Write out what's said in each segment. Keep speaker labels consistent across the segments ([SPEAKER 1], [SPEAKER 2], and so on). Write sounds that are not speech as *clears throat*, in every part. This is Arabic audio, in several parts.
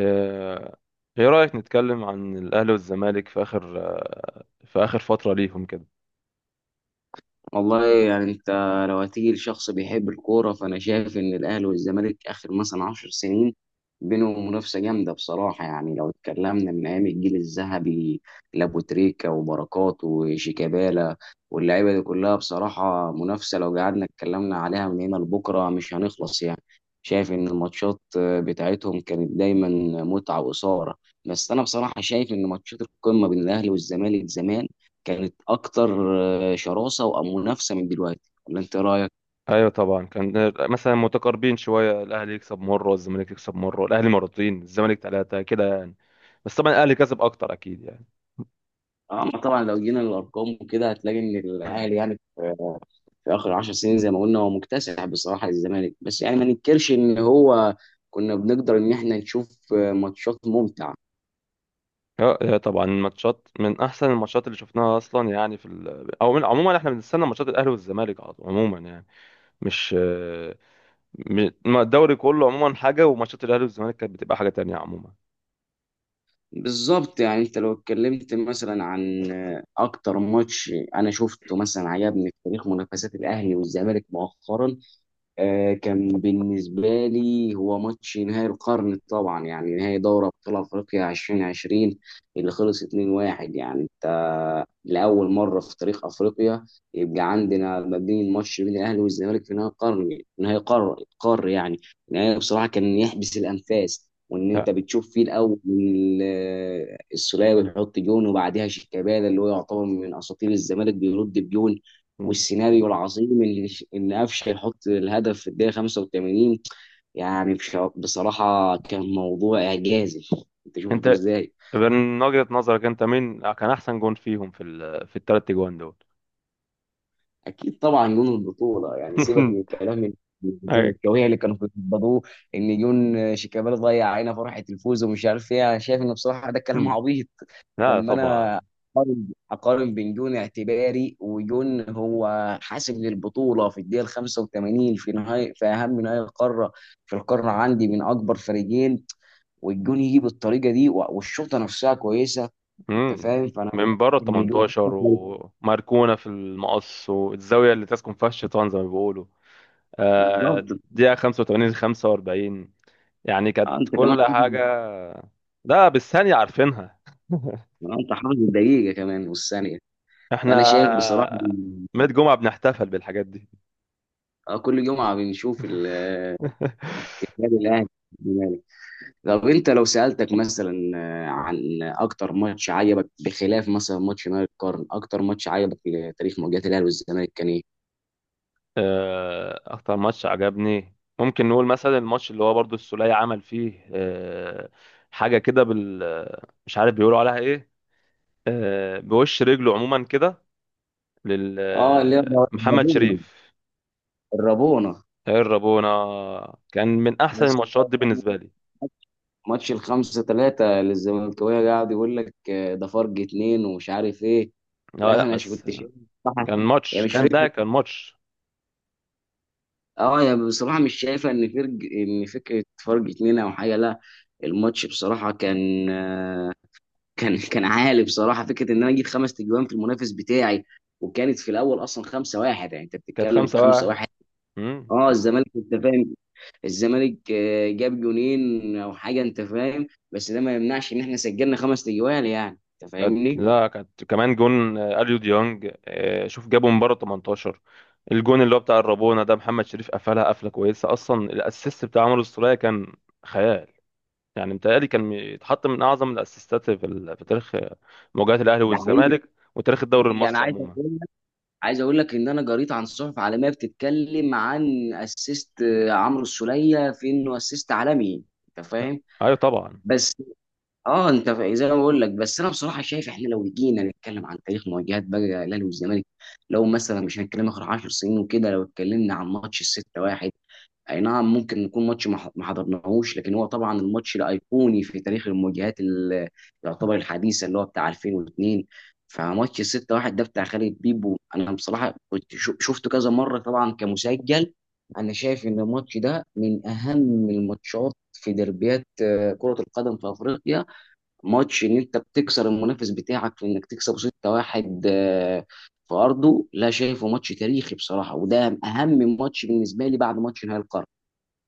[SPEAKER 1] آه، ايه رأيك نتكلم عن الاهلي والزمالك في اخر آه، في اخر فترة ليهم كده.
[SPEAKER 2] والله يعني انت لو هتيجي لشخص بيحب الكوره، فانا شايف ان الاهلي والزمالك اخر مثلا 10 سنين بينهم منافسه جامده بصراحه. يعني لو اتكلمنا من ايام الجيل الذهبي لابو تريكا وبركات وشيكابالا واللعيبه دي كلها، بصراحه منافسه لو قعدنا اتكلمنا عليها من هنا لبكره مش هنخلص يعني. شايف ان الماتشات بتاعتهم كانت دايما متعه واثاره. بس انا بصراحه شايف ان ماتشات القمه بين الاهلي والزمالك زمان كانت اكتر شراسه ومنافسه من دلوقتي. ولا انت إيه رايك؟
[SPEAKER 1] ايوه طبعا، كان مثلا متقاربين شوية، الاهلي يكسب مرة والزمالك يكسب مرة، الاهلي مرتين الزمالك ثلاثة كده يعني. بس طبعا الاهلي كسب اكتر اكيد يعني.
[SPEAKER 2] اما طبعا لو جينا للارقام وكده هتلاقي ان الاهلي
[SPEAKER 1] *clears throat*
[SPEAKER 2] يعني في في اخر 10 سنين زي ما قلنا هو مكتسح بصراحه الزمالك، بس يعني ما ننكرش ان هو كنا بنقدر ان احنا نشوف ماتشات ممتعه.
[SPEAKER 1] اه، طبعا الماتشات من احسن الماتشات اللي شفناها اصلا يعني في ال... او من... عموما احنا بنستنى ماتشات الاهلي والزمالك على طول عموما يعني. مش آه، م- ما الدوري كله عموما حاجة، وماتشات الاهلي والزمالك كانت بتبقى حاجة تانية عموما.
[SPEAKER 2] بالظبط، يعني انت لو اتكلمت مثلا عن اكتر ماتش انا شفته مثلا عجبني في تاريخ منافسات الاهلي والزمالك مؤخرا، كان بالنسبة لي هو ماتش نهائي القرن طبعا، يعني نهائي دوري أبطال أفريقيا 2020 اللي خلص 2-1. يعني أنت لأول مرة في تاريخ أفريقيا يبقى عندنا ما بين ماتش بين الأهلي والزمالك في نهائي قرن، نهائي قار قار يعني. نهائي بصراحة كان يحبس الأنفاس، وإن
[SPEAKER 1] ها.
[SPEAKER 2] أنت بتشوف فيه الأول السولية بيحط جون، وبعدها شيكابالا اللي هو يعتبر من أساطير الزمالك بيرد بجون، والسيناريو العظيم اللي ان قفشه يحط الهدف في الدقيقه 85. يعني بصراحه كان موضوع اعجازي. انت شفته
[SPEAKER 1] انت
[SPEAKER 2] ازاي؟
[SPEAKER 1] من وجهة نظرك انت مين كان احسن جون فيهم في الثلاث جوان دول؟
[SPEAKER 2] اكيد طبعا جون البطوله، يعني سيبك من
[SPEAKER 1] *laughs*
[SPEAKER 2] الكلام
[SPEAKER 1] هيك.
[SPEAKER 2] الزملكاويه اللي كانوا بيتبضوه ان جون شيكابالا ضيع علينا فرحه الفوز ومش عارف ايه. انا شايف ان بصراحه ده كلام عبيط
[SPEAKER 1] لا
[SPEAKER 2] لما
[SPEAKER 1] طبعا.
[SPEAKER 2] انا أقارن بين جون اعتباري وجون هو حاسم للبطوله في الدقيقه ال 85، في نهايه في اهم نهائي القاره، في القاره عندي من اكبر فريقين، والجون يجي بالطريقه دي والشوطه نفسها كويسه. انت
[SPEAKER 1] مم.
[SPEAKER 2] فاهم؟ فانا
[SPEAKER 1] من بره
[SPEAKER 2] إن جون
[SPEAKER 1] 18 وماركونا في المقص والزاويه اللي تسكن فيها الشيطان زي ما بيقولوا.
[SPEAKER 2] بالظبط.
[SPEAKER 1] دقيقه 85 45. يعني كانت
[SPEAKER 2] انت كمان
[SPEAKER 1] كل حاجه.
[SPEAKER 2] حافظ؟
[SPEAKER 1] لا، بالثانيه عارفينها
[SPEAKER 2] انت حافظ الدقيقه كمان والثانيه. فانا
[SPEAKER 1] احنا.
[SPEAKER 2] شايف بصراحه إن-
[SPEAKER 1] ميت جمعه بنحتفل بالحاجات دي.
[SPEAKER 2] آه، كل جمعه بنشوف
[SPEAKER 1] *laughs*
[SPEAKER 2] النادي الاهلي. طب انت لو سألتك مثلا، عن اكتر ماتش عجبك بخلاف مثلا ماتش نهائي القرن، اكتر ماتش عجبك في تاريخ مواجهة الاهلي والزمالك كان ايه؟
[SPEAKER 1] اكتر ماتش عجبني ممكن نقول مثلا الماتش اللي هو برضو السولية عمل فيه حاجة كده بال آه، مش عارف بيقولوا عليها ايه. بوش رجله عموما كده لل
[SPEAKER 2] اه اللي هي
[SPEAKER 1] آه، محمد
[SPEAKER 2] الرابونة،
[SPEAKER 1] شريف.
[SPEAKER 2] الرابونة.
[SPEAKER 1] الربونة. كان من احسن
[SPEAKER 2] بس
[SPEAKER 1] الماتشات دي بالنسبة لي.
[SPEAKER 2] ماتش الخمسة ثلاثة للزملكاوية قاعد يقول لك، ده فرق اتنين ومش عارف ايه. لا
[SPEAKER 1] لا، لا،
[SPEAKER 2] انا مش
[SPEAKER 1] بس.
[SPEAKER 2] كنت شايف بصراحة- يعني مش فكرة.
[SPEAKER 1] كان ماتش.
[SPEAKER 2] اه يعني بصراحة مش شايفة ان فرق، ان فكرة فرق اتنين او حاجة، لا. الماتش بصراحة كان، *laughs* كان عالي بصراحه. فكره ان انا اجيب خمس تجوان في المنافس بتاعي، وكانت في الاول اصلا 5 1، يعني انت
[SPEAKER 1] كانت
[SPEAKER 2] بتتكلم في
[SPEAKER 1] خمسة
[SPEAKER 2] 5
[SPEAKER 1] واحد.
[SPEAKER 2] 1. اه
[SPEAKER 1] كانت
[SPEAKER 2] الزمالك، انت فاهم، الزمالك جاب جونين او حاجه، انت فاهم، بس ده ما يمنعش ان احنا سجلنا خمس تجوان. يعني انت
[SPEAKER 1] كانت
[SPEAKER 2] فاهمني؟
[SPEAKER 1] لا كانت كمان جون اليو ديونج، شوف جابه من بره 18. الجون اللي هو بتاع الرابونة ده محمد شريف قفلها قفله كويسه اصلا. الاسيست بتاع عمرو السولية كان خيال. يعني متهيألي كان يتحط من اعظم الاسيستات في تاريخ مواجهات الاهلي
[SPEAKER 2] ده حقيقي.
[SPEAKER 1] والزمالك وتاريخ الدوري
[SPEAKER 2] يعني
[SPEAKER 1] المصري
[SPEAKER 2] عايز
[SPEAKER 1] عموما.
[SPEAKER 2] اقول لك، عايز اقول لك ان انا قريت عن صحف عالميه بتتكلم عن اسيست عمرو السوليه، في انه اسيست عالمي. انت
[SPEAKER 1] لا.
[SPEAKER 2] فاهم؟
[SPEAKER 1] ايوه طبعا.
[SPEAKER 2] بس اه انت زي ما بقول لك، بس انا بصراحه شايف احنا لو جينا نتكلم عن تاريخ مواجهات بقى الاهلي والزمالك، لو مثلا مش هنتكلم اخر 10 سنين وكده، لو اتكلمنا عن ماتش الستة واحد، اي نعم ممكن يكون ماتش ما حضرناهوش، لكن هو طبعا الماتش الايقوني في تاريخ المواجهات اللي يعتبر الحديثه، اللي هو بتاع 2002. فماتش الستة واحد ده بتاع خالد بيبو، انا بصراحه كنت شفته كذا مره طبعا كمسجل. انا شايف ان الماتش ده من اهم الماتشات في دربيات، كره القدم في افريقيا. ماتش ان انت بتكسر المنافس بتاعك في انك تكسب 6-1 في ارضه، لا شايفه ماتش تاريخي بصراحه، وده اهم ماتش بالنسبه لي بعد ماتش نهائي القرن.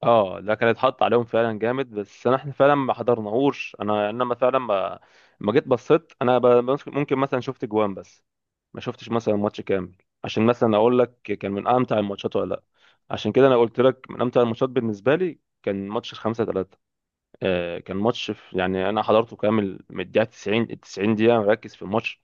[SPEAKER 1] اه، ده كان اتحط عليهم فعلا جامد، بس انا احنا فعلا ما حضرناهوش. انا ما فعلا ما ما جيت بصيت انا، ممكن مثلا شفت جوان بس، ما شفتش مثلا ماتش كامل، عشان مثلا اقول لك كان من امتع الماتشات ولا لا. عشان كده انا قلت لك من امتع الماتشات بالنسبه لي كان ماتش الخمسة ثلاثة. كان ماتش، في يعني انا حضرته كامل، من الدقيقه 90، ال 90 دقيقه مركز في الماتش.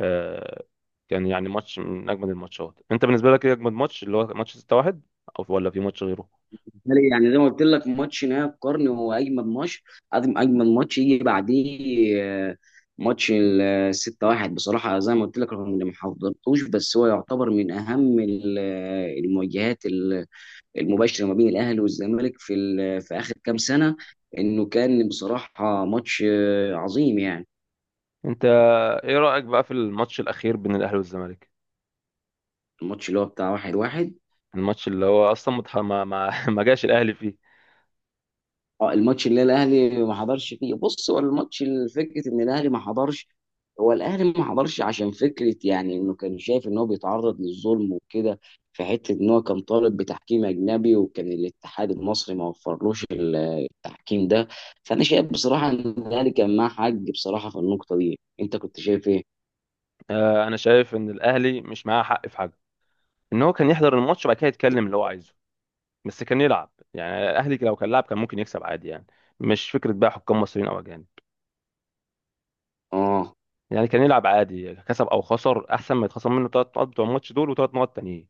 [SPEAKER 1] آه كان يعني ماتش من اجمد الماتشات. انت بالنسبه لك ايه اجمد ماتش، اللي هو ماتش 6-1 او ولا في ماتش غيره؟
[SPEAKER 2] بالتالي يعني زي ما قلت لك ماتش نهائي القرن هو اجمد ماتش. اجمد ماتش يجي بعديه، ماتش ال 6-1 بصراحه. زي ما قلت لك رغم اني ما حضرتوش، بس هو يعتبر من اهم المواجهات المباشره ما بين الاهلي والزمالك في في اخر كام سنه. انه كان بصراحه ماتش عظيم يعني.
[SPEAKER 1] انت ايه رايك بقى في الماتش الاخير بين الاهلي والزمالك،
[SPEAKER 2] الماتش اللي هو بتاع واحد واحد،
[SPEAKER 1] الماتش اللي هو اصلا متح- ما ما *laughs* ما جاش الاهلي فيه؟
[SPEAKER 2] اه الماتش اللي الاهلي ما حضرش فيه. بص هو الماتش، الفكره ان الاهلي ما حضرش، هو الاهلي ما حضرش عشان فكره، يعني انه كان شايف ان هو بيتعرض للظلم وكده، في حته ان هو كان طالب بتحكيم اجنبي، وكان الاتحاد المصري ما وفرلوش التحكيم ده. فانا شايف بصراحه ان الاهلي كان معاه حق بصراحه في النقطه دي. انت كنت شايف ايه؟
[SPEAKER 1] انا شايف ان الاهلي مش معاه حق في حاجه. ان هو كان يحضر الماتش وبعد كده يتكلم اللي هو عايزه، بس كان يلعب. يعني الاهلي لو كان لعب كان ممكن يكسب عادي يعني، مش فكره بقى حكام مصريين او اجانب.
[SPEAKER 2] اه
[SPEAKER 1] يعني كان يلعب عادي، كسب او خسر احسن ما يتخصم منه ثلاث نقط بتوع الماتش دول وثلاث نقط تانيين.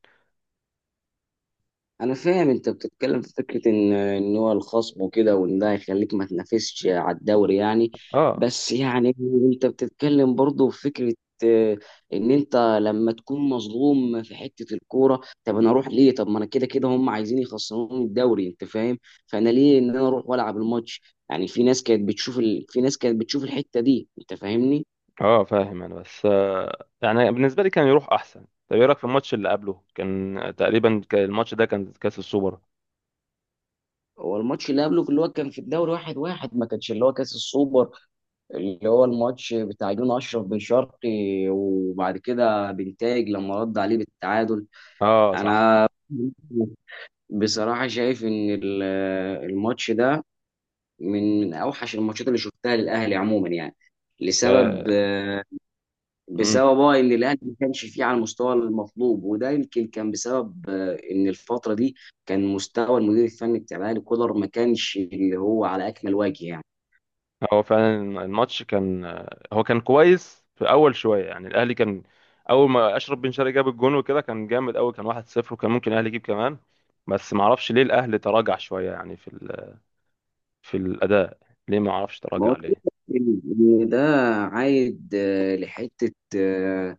[SPEAKER 2] انا فاهم انت بتتكلم في فكره ان ان هو الخصم وكده، وان ده هيخليك ما تنافسش على الدوري يعني.
[SPEAKER 1] اه.
[SPEAKER 2] بس يعني انت بتتكلم برضه في فكره، آه، ان انت لما تكون مظلوم في حته الكوره، طب انا اروح ليه؟ طب ما انا كده كده هم عايزين يخسروني الدوري، انت فاهم؟ فانا ليه ان انا اروح والعب الماتش؟ يعني في ناس كانت بتشوف الحته دي، انت فاهمني؟
[SPEAKER 1] اه، فاهم انا، بس يعني بالنسبه لي كان يروح احسن. طب ايه رايك في الماتش اللي قبله؟ كان تقريبا كان الماتش ده كان كاس السوبر.
[SPEAKER 2] هو الماتش اللي قبله اللي هو كان في الدوري واحد واحد، ما كانش اللي هو كاس السوبر، اللي هو الماتش بتاع جون اشرف بن شرقي، وبعد كده بنتاج لما رد عليه بالتعادل.
[SPEAKER 1] اه
[SPEAKER 2] انا
[SPEAKER 1] صح.
[SPEAKER 2] بصراحه شايف ان الماتش ده من من اوحش الماتشات اللي شفتها للاهلي عموما يعني. لسبب،
[SPEAKER 1] امم
[SPEAKER 2] بسبب اه ان الاهلي ما كانش فيه على المستوى المطلوب، وده يمكن كان بسبب، ان الفتره دي كان مستوى المدير الفني بتاع الاهلي كولر ما كانش اللي هو على اكمل وجه يعني.
[SPEAKER 1] هو فعلا. الماتش كان هو كان كويس في اول شويه، يعني الاهلي كان اول ما اشرف بن شرقي جاب الجون وكده كان جامد قوي، كان 1-0 وكان ممكن الاهلي يجيب كمان، بس ما اعرفش ليه الاهلي تراجع شويه يعني في الاداء. ليه ما اعرفش،
[SPEAKER 2] ما
[SPEAKER 1] تراجع
[SPEAKER 2] هو كده.
[SPEAKER 1] ليه.
[SPEAKER 2] إن إن ده عايد،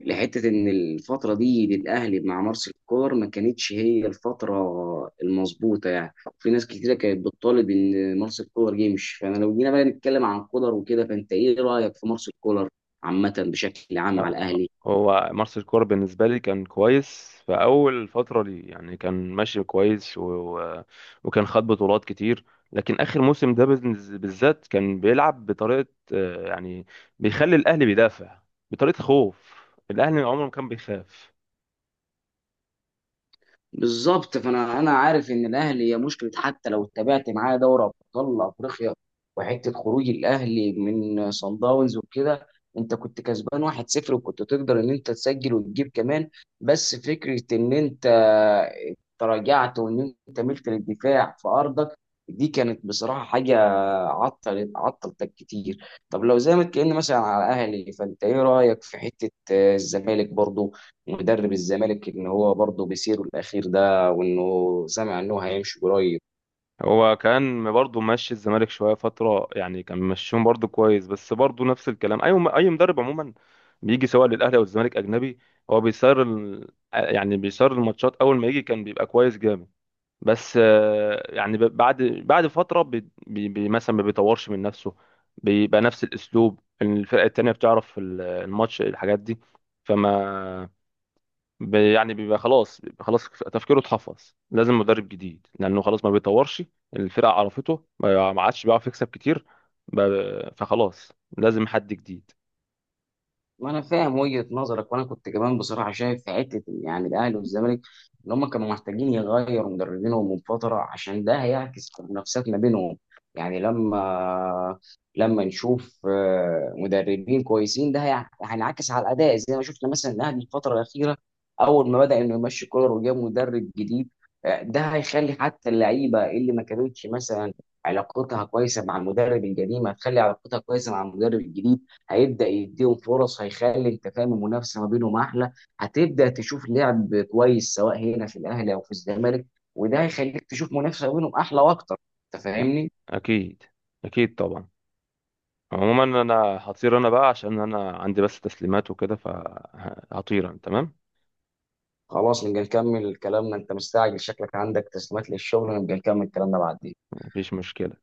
[SPEAKER 2] لحتة إن الفترة دي للأهلي مع مارس الكور ما كانتش هي الفترة المظبوطة يعني. في ناس كتيرة كانت بتطالب إن مارس الكولر يمشي. فأنا لو جينا بقى نتكلم عن كولر وكده، فأنت إيه رأيك في مارس الكولر عامة بشكل عام
[SPEAKER 1] أ-
[SPEAKER 2] على الأهلي؟
[SPEAKER 1] هو مارس الكورة بالنسبة لي كان كويس في أول فترة لي، يعني كان ماشي كويس، وكان خد بطولات كتير. لكن آخر موسم ده بالذات كان بيلعب بطريقة يعني بيخلي الأهلي بيدافع بطريقة خوف. الأهلي عمره ما كان بيخاف.
[SPEAKER 2] بالظبط، فانا انا عارف ان الاهلي هي مشكله، حتى لو اتبعت معاه دوري ابطال افريقيا وحته خروج الاهلي من صن داونز وكده. انت كنت كسبان 1-0، وكنت تقدر ان انت تسجل وتجيب كمان، بس فكره ان انت تراجعت وان انت ملت للدفاع في ارضك، دي كانت بصراحه حاجه عطلتك كتير. طب لو زي ما اتكلمنا مثلا على الاهلي، فانت ايه رايك في حته الزمالك برضو، مدرب الزمالك ان هو برضه بيسيره الاخير ده، وانه سمع انه هيمشي قريب؟
[SPEAKER 1] هو كان برضه ماشي الزمالك شويه فتره، يعني كان ماشيهم برضه كويس، بس برضه نفس الكلام، اي مدرب عموما بيجي سواء للاهلي او الزمالك اجنبي، هو يعني بيسير الماتشات اول ما يجي كان بيبقى كويس جامد. بس يعني بعد فتره مثلا ما بيطورش من نفسه، بيبقى نفس الاسلوب، الفرقه التانيه بتعرف الماتش الحاجات دي. فما يعني بيبقى خلاص تفكيره اتحفظ، لازم مدرب جديد، لانه خلاص ما بيطورش، الفرقه عرفته، ما ما عادش بيعرف يكسب كتير. فخلاص لازم حد جديد.
[SPEAKER 2] ما انا فاهم وجهة نظرك، وانا كنت كمان بصراحه شايف في حته يعني الاهلي والزمالك ان هم كانوا محتاجين يغيروا مدربينهم من فتره، عشان ده هيعكس في المنافسات ما بينهم. يعني لما نشوف مدربين كويسين، ده هينعكس على الاداء. زي ما شفنا مثلا الاهلي الفتره الاخيره، اول ما بدا انه يمشي كولر وجاب مدرب جديد، ده هيخلي حتى اللعيبه اللي ما كانتش مثلا علاقتها كويسه مع المدرب القديم هتخلي علاقتها كويسه مع المدرب الجديد، هيبدا يديهم فرص، هيخلي انت فاهم المنافسه ما بينهم احلى، هتبدا تشوف لعب كويس سواء هنا في الاهلي او في الزمالك، وده هيخليك تشوف منافسه ما بينهم احلى واكتر. انت فاهمني؟
[SPEAKER 1] اكيد. اكيد طبعا. عموما انا هطير انا بقى عشان انا عندي بس تسليمات وكده، فهطير انا. تمام.
[SPEAKER 2] خلاص نبقى نكمل كلامنا، انت مستعجل شكلك عندك تسليمات للشغل، نبقى نكمل كلامنا بعدين.
[SPEAKER 1] مفيش مشكله.